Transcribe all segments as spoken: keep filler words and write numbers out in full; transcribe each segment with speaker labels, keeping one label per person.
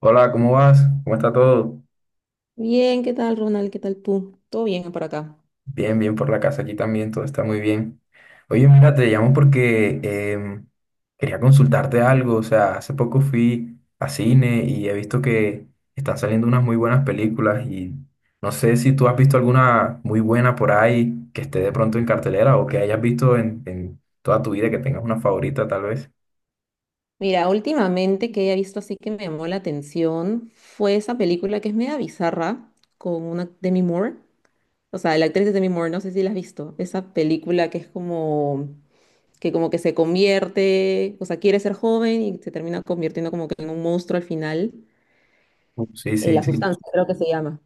Speaker 1: Hola, ¿cómo vas? ¿Cómo está todo?
Speaker 2: Bien, ¿qué tal, Ronald? ¿Qué tal tú? Todo bien por acá.
Speaker 1: Bien, bien por la casa, aquí también todo está muy bien. Oye, mira, te llamo porque em, quería consultarte algo, o sea, hace poco fui a cine y he visto que están saliendo unas muy buenas películas y no sé si tú has visto alguna muy buena por ahí que esté de pronto en cartelera o que hayas visto en, en toda tu vida, que tengas una favorita tal vez.
Speaker 2: Mira, últimamente que he visto así que me llamó la atención fue esa película que es media bizarra con una Demi Moore. O sea, la actriz de Demi Moore, no sé si la has visto. Esa película que es como que como que se convierte, o sea, quiere ser joven y se termina convirtiendo como que en un monstruo al final.
Speaker 1: Uh, Sí,
Speaker 2: Eh,
Speaker 1: sí,
Speaker 2: La
Speaker 1: sí,
Speaker 2: Sustancia, creo que se llama.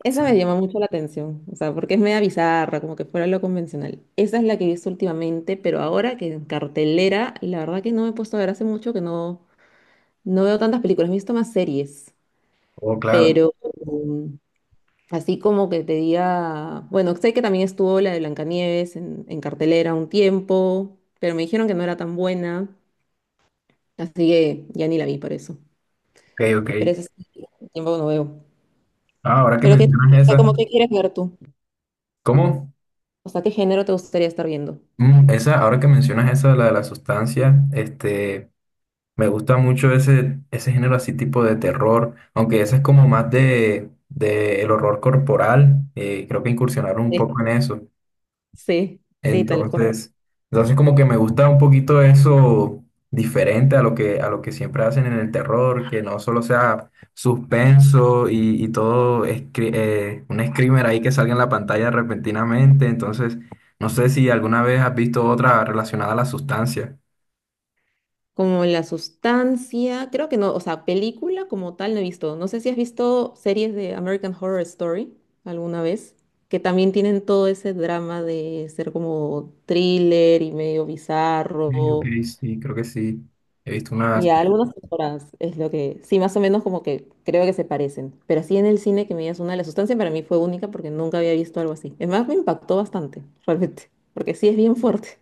Speaker 2: Esa me
Speaker 1: sí.
Speaker 2: llama mucho la atención, o sea, porque es media bizarra, como que fuera lo convencional. Esa es la que he visto últimamente, pero ahora que en cartelera, la verdad que no me he puesto a ver hace mucho que no, no veo tantas películas, he visto más series,
Speaker 1: Oh, claro.
Speaker 2: pero um, así como que te diga, bueno, sé que también estuvo la de Blancanieves en, en cartelera un tiempo, pero me dijeron que no era tan buena, así que ya ni la vi por eso.
Speaker 1: Ok, ok.
Speaker 2: Pero ese sí, tiempo que no veo.
Speaker 1: Ah, ahora que
Speaker 2: Pero que,
Speaker 1: mencionas
Speaker 2: o sea,
Speaker 1: esa.
Speaker 2: como que quieres ver tú,
Speaker 1: ¿Cómo?
Speaker 2: o sea, ¿qué género te gustaría estar viendo?
Speaker 1: Mm, esa, ahora que mencionas esa, la de la sustancia, este, me gusta mucho ese, ese género así tipo de terror, aunque ese es como más de, de el horror corporal, eh, creo que incursionaron un poco en eso.
Speaker 2: Sí, sí, tal cual.
Speaker 1: Entonces, entonces como que me gusta un poquito eso diferente a lo que, a lo que siempre hacen en el terror, que no solo sea suspenso y, y todo escri- eh, un screamer ahí que salga en la pantalla repentinamente. Entonces, no sé si alguna vez has visto otra relacionada a la sustancia.
Speaker 2: Como la sustancia, creo que no, o sea, película como tal no he visto. No sé si has visto series de American Horror Story alguna vez, que también tienen todo ese drama de ser como thriller y medio
Speaker 1: Sí, ok,
Speaker 2: bizarro.
Speaker 1: sí, creo que sí. He visto una.
Speaker 2: Y a algunas temporadas es lo que, sí, más o menos como que creo que se parecen. Pero así en el cine que me digas una, de la sustancia para mí fue única porque nunca había visto algo así. Es más, me impactó bastante, realmente, porque sí es bien fuerte.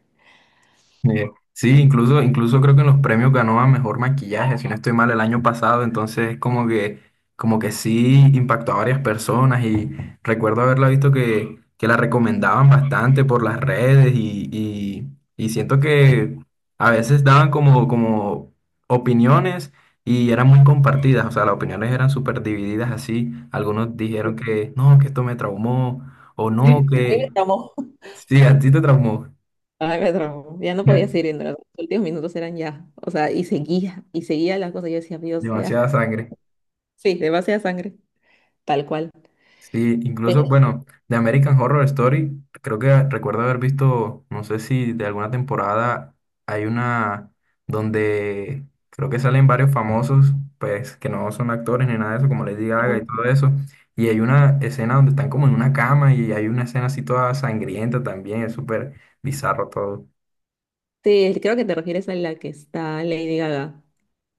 Speaker 1: Eh, sí, incluso, incluso creo que en los premios ganó a mejor maquillaje, si no estoy mal, el año pasado, entonces como que, como que sí impactó a varias personas y recuerdo haberla visto que, que la recomendaban bastante por las redes y, y- y siento que a veces daban como, como opiniones y eran muy compartidas, o sea, las opiniones eran súper divididas así, algunos dijeron
Speaker 2: Sí.
Speaker 1: que no, que esto me traumó o no,
Speaker 2: A mí me
Speaker 1: que
Speaker 2: traumó.
Speaker 1: sí, a ti te traumó,
Speaker 2: Ay, me traumó. Ya no podía seguir viendo. Los últimos minutos eran ya. O sea, y seguía, y seguía las cosas. Yo decía, Dios, ya.
Speaker 1: demasiada sangre.
Speaker 2: Sí, demasiada sangre. Tal cual.
Speaker 1: Sí,
Speaker 2: Pero
Speaker 1: incluso, bueno, de American Horror Story, creo que recuerdo haber visto, no sé si de alguna temporada hay una donde creo que salen varios famosos, pues que no son actores ni nada de eso, como Lady Gaga y todo eso. Y hay una escena donde están como en una cama y hay una escena así toda sangrienta también, es súper bizarro todo.
Speaker 2: sí, creo que te refieres a la que está Lady Gaga.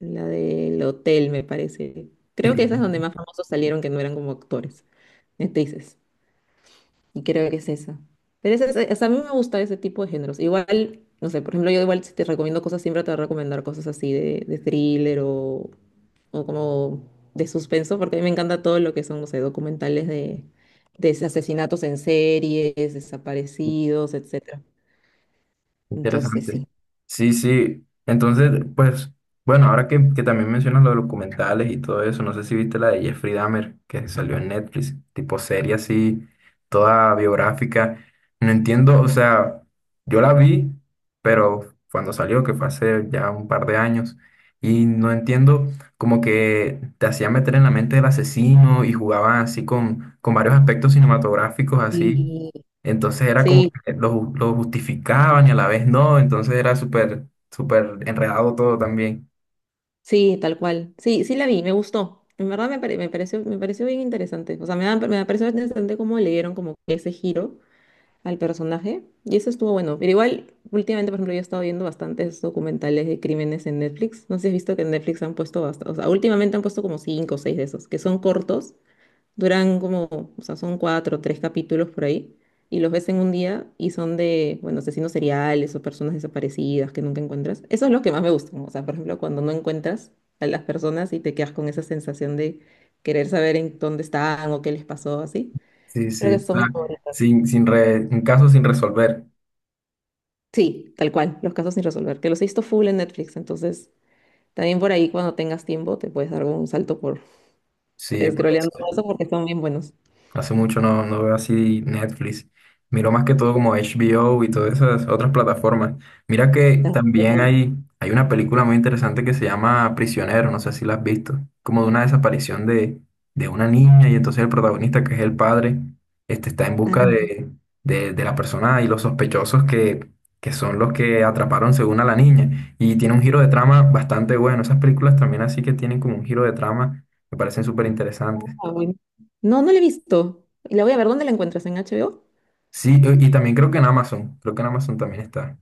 Speaker 2: La del hotel, me parece.
Speaker 1: Sí.
Speaker 2: Creo que esa es donde más famosos salieron que no eran como actores, actrices. Y creo que es esa. Pero esa, es- o sea, a mí me gusta ese tipo de géneros. Igual, no sé, por ejemplo, yo igual si te recomiendo cosas, siempre te voy a recomendar cosas así de, de thriller o o como de suspenso, porque a mí me encanta todo lo que son, no sé, documentales de, de asesinatos en series, desaparecidos, etcétera. Entonces,
Speaker 1: Interesante.
Speaker 2: sí.
Speaker 1: Sí, sí. Entonces, pues, bueno, ahora que, que también mencionas los documentales y todo eso, no sé si viste la de Jeffrey Dahmer, que salió en Netflix, tipo serie así, toda biográfica. No entiendo, o sea, yo la vi, pero cuando salió, que fue hace ya un par de años, y no entiendo, como que te hacía meter en la mente del asesino y jugaban así con, con varios aspectos cinematográficos, así
Speaker 2: Y
Speaker 1: entonces era como
Speaker 2: sí,
Speaker 1: que lo, lo justificaban y a la vez no, entonces era súper, súper enredado todo también.
Speaker 2: sí, tal cual. Sí, sí la vi, me gustó. En verdad me, pare- me pareció, me pareció bien interesante. O sea, me, da- me pareció interesante cómo le dieron como que ese giro al personaje. Y eso estuvo bueno. Pero igual, últimamente, por ejemplo, yo he estado viendo bastantes documentales de crímenes en Netflix. No sé si has visto que en Netflix han puesto bastante. O sea, últimamente han puesto como cinco o seis de esos, que son cortos. Duran como, o sea, son cuatro o tres capítulos por ahí, y los ves en un día y son de, bueno, asesinos seriales o personas desaparecidas que nunca encuentras. Eso es lo que más me gusta, ¿no? O sea, por ejemplo, cuando no encuentras a las personas y te quedas con esa sensación de querer saber en dónde están o qué les pasó, así.
Speaker 1: Sí,
Speaker 2: Creo que
Speaker 1: sí, o
Speaker 2: son mis
Speaker 1: sea,
Speaker 2: favoritas.
Speaker 1: sin, sin re- un caso sin resolver.
Speaker 2: Sí, tal cual, los casos sin resolver, que los he visto full en Netflix, entonces también por ahí cuando tengas tiempo te puedes dar un salto por
Speaker 1: Sí, pues.
Speaker 2: scrolleando todo eso porque son bien buenos.
Speaker 1: Hace mucho no, no veo así Netflix. Miro más que todo como H B O y todas esas otras plataformas. Mira que también
Speaker 2: También.
Speaker 1: hay, hay una película muy interesante que se llama Prisionero, no sé si la has visto. Como de una desaparición de, de una niña y entonces el protagonista, que es el padre, este, está en busca
Speaker 2: ah,
Speaker 1: de, de, de la persona y los sospechosos que, que son los que atraparon según a la niña. Y tiene un giro de trama bastante bueno. Esas películas también así que tienen como un giro de trama, me parecen súper interesantes.
Speaker 2: Ah, bueno. No, no la he visto. Y la voy a ver, ¿dónde la encuentras? ¿En H B O?
Speaker 1: Sí, y y también creo que en Amazon, creo que en Amazon también está.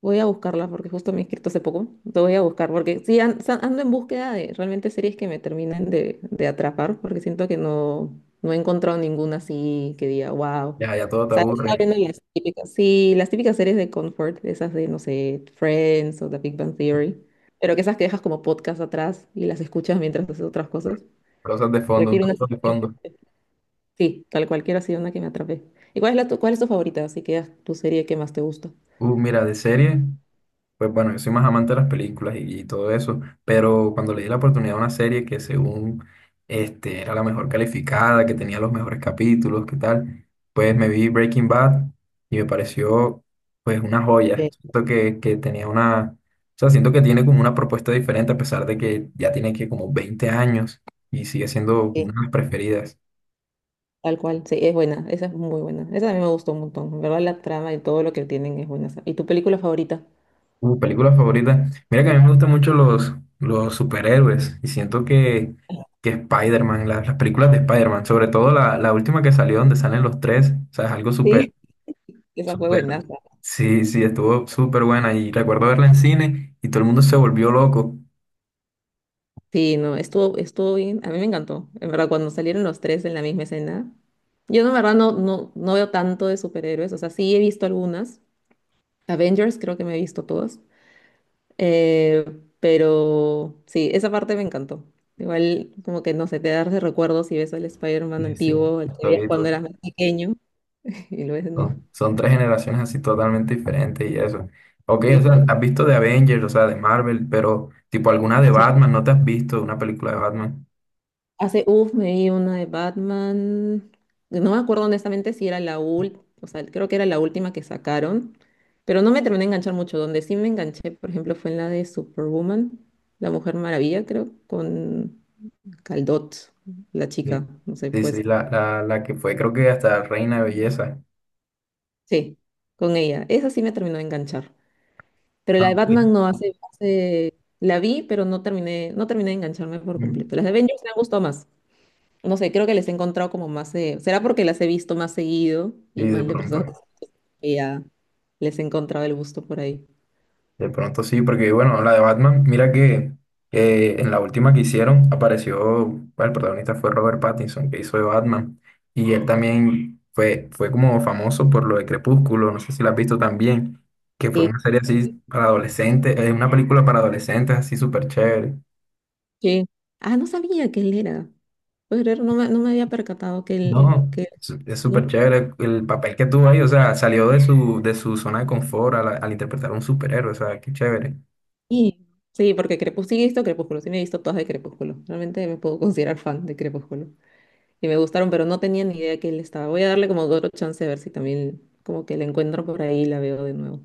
Speaker 2: Voy a buscarla porque justo me he inscrito hace poco. Te voy a buscar porque sí, an- sa- ando en búsqueda de realmente series que me terminen de, de atrapar porque siento que no, no he encontrado ninguna así que diga, wow. O
Speaker 1: Ya, ya todo te
Speaker 2: sea, estaba
Speaker 1: aburre.
Speaker 2: viendo las típicas, sí, las típicas series de comfort, esas de, no sé, Friends o The Big Bang Theory, pero que esas que dejas como podcast atrás y las escuchas mientras haces otras cosas.
Speaker 1: Cosas de
Speaker 2: Pero
Speaker 1: fondo,
Speaker 2: quiero una
Speaker 1: cosas de
Speaker 2: serie.
Speaker 1: fondo.
Speaker 2: Sí, tal cualquiera ha sido una que me atrapé. ¿Y cuál es la tu, cuál es tu favorita? Así que es tu serie que más te gusta.
Speaker 1: Uh, mira, de serie, pues bueno, yo soy más amante de las películas y, y todo eso, pero cuando le di la oportunidad a una serie que según este, era la mejor calificada, que tenía los mejores capítulos, qué tal, pues me vi Breaking Bad y me pareció pues una joya.
Speaker 2: Sí,
Speaker 1: Siento que, que tenía una, o sea, siento que tiene como una propuesta diferente a pesar de que ya tiene que como veinte años y sigue siendo
Speaker 2: sí.
Speaker 1: una de las preferidas.
Speaker 2: Tal cual, sí, es buena, esa es muy buena. Esa a mí me gustó un montón. En verdad, la trama y todo lo que tienen es buena, esa. ¿Y tu película favorita?
Speaker 1: Uh, película favorita. Mira que a mí me gustan mucho los, los superhéroes y siento que, que Spider-Man, la- las películas de Spider-Man, sobre todo la, la última que salió donde salen los tres, o sea, es algo súper,
Speaker 2: Sí. Esa fue buena.
Speaker 1: súper, sí, sí, estuvo súper buena y recuerdo verla en cine y todo el mundo se volvió loco.
Speaker 2: Sí, no, estuvo, estuvo bien. A mí me encantó. En verdad, cuando salieron los tres en la misma escena. Yo, no, en verdad, no, no, no veo tanto de superhéroes. O sea, sí he visto algunas. Avengers creo que me he visto todas. Eh, pero sí, esa parte me encantó. Igual, como que no sé, te das de recuerdos y ves al Spider-Man
Speaker 1: Sí, sí,
Speaker 2: antiguo, el que veías
Speaker 1: estoy-
Speaker 2: cuando
Speaker 1: to-
Speaker 2: eras más pequeño, y lo ves de nuevo.
Speaker 1: son, son tres generaciones así totalmente diferentes y eso. Ok,
Speaker 2: Es
Speaker 1: o sea,
Speaker 2: diferente.
Speaker 1: has visto de Avengers, o sea, de Marvel, pero tipo alguna de
Speaker 2: Sí.
Speaker 1: Batman, ¿no te has visto una película de Batman?
Speaker 2: Hace, uff, me vi una de Batman. No me acuerdo honestamente si era la última, o sea, creo que era la última que sacaron, pero no me terminé de enganchar mucho. Donde sí me enganché, por ejemplo, fue en la de Superwoman, La Mujer Maravilla, creo, con Caldot, la chica,
Speaker 1: Bien.
Speaker 2: no sé,
Speaker 1: Sí,
Speaker 2: pues.
Speaker 1: sí, la, la, la que fue creo que hasta reina de belleza.
Speaker 2: Sí, con ella. Esa sí me terminó de enganchar. Pero
Speaker 1: Ah,
Speaker 2: la de Batman
Speaker 1: sí.
Speaker 2: no hace, no hace- la vi, pero no terminé, no terminé de engancharme por
Speaker 1: Mm.
Speaker 2: completo. Las de Avengers me han gustado más. No sé, creo que les he encontrado como más eh, ¿será porque las he visto más seguido
Speaker 1: Sí,
Speaker 2: y
Speaker 1: de
Speaker 2: más de
Speaker 1: pronto.
Speaker 2: personas que ya les he encontrado el gusto por ahí?
Speaker 1: De pronto sí, porque bueno, la de Batman, mira que eh, en la última que hicieron apareció, bueno, el protagonista fue Robert Pattinson, que hizo de Batman. Y él también fue, fue como famoso por lo de Crepúsculo, no sé si la has visto también, que fue
Speaker 2: Sí.
Speaker 1: una serie así
Speaker 2: Sí.
Speaker 1: para adolescentes, eh, una película para adolescentes así súper chévere.
Speaker 2: Sí. Ah, no sabía que él era. ¿Puedes creer? No me, no me había percatado que él,
Speaker 1: No,
Speaker 2: que, él-
Speaker 1: es es súper
Speaker 2: ¿no?
Speaker 1: chévere el papel que tuvo ahí, o sea, salió de su, de su zona de confort al, al interpretar a un superhéroe, o sea, qué chévere.
Speaker 2: Sí. Sí, porque Crepúsculo, sí he visto Crepúsculo, sí me he visto todas de Crepúsculo. Realmente me puedo considerar fan de Crepúsculo, y me gustaron, pero no tenía ni idea que él estaba. Voy a darle como otro chance a ver si también como que la encuentro por ahí y la veo de nuevo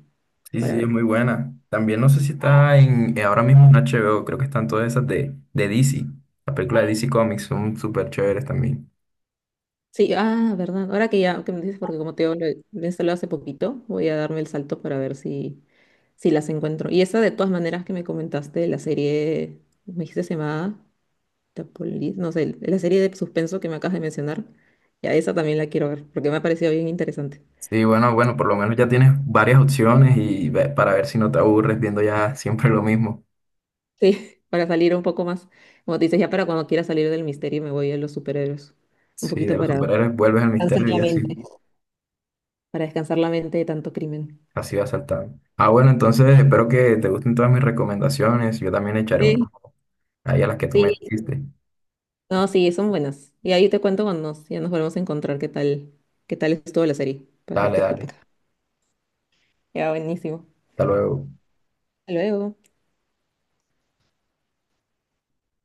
Speaker 1: Sí,
Speaker 2: para
Speaker 1: sí, es
Speaker 2: ver.
Speaker 1: muy buena. También no sé si está en, eh, ahora mismo en H B o creo que están todas esas de, de D C, la película de D C Comics, son súper chéveres también.
Speaker 2: Sí, ah, verdad. Ahora que ya que me dices, porque como te digo, lo he lo he instalado hace poquito, voy a darme el salto para ver si, si las encuentro. Y esa de todas maneras que me comentaste, la serie, me dijiste se llamaba The Police, no sé, la serie de suspenso que me acabas de mencionar, ya esa también la quiero ver, porque me ha parecido bien interesante.
Speaker 1: Sí, bueno, bueno, por lo menos ya tienes varias opciones y ve- para ver si no te aburres viendo ya siempre lo mismo.
Speaker 2: Sí, para salir un poco más. Como te dices, ya para cuando quiera salir del misterio me voy a los superhéroes. Un
Speaker 1: Sí, de
Speaker 2: poquito
Speaker 1: los
Speaker 2: para
Speaker 1: superhéroes vuelves al
Speaker 2: descansar
Speaker 1: misterio
Speaker 2: la
Speaker 1: y así,
Speaker 2: mente. Para descansar la mente de tanto crimen.
Speaker 1: así vas saltando. Ah, bueno, entonces espero que te gusten todas mis recomendaciones, yo también le echaré uno
Speaker 2: Sí.
Speaker 1: ahí a las que tú me
Speaker 2: Sí,
Speaker 1: dijiste.
Speaker 2: no, sí, son buenas. Y ahí te cuento cuando nos, ya nos volvemos a encontrar qué tal, qué tal estuvo la serie para
Speaker 1: Dale,
Speaker 2: darte el
Speaker 1: dale.
Speaker 2: feedback. Ya, buenísimo.
Speaker 1: Hasta luego.
Speaker 2: Hasta luego.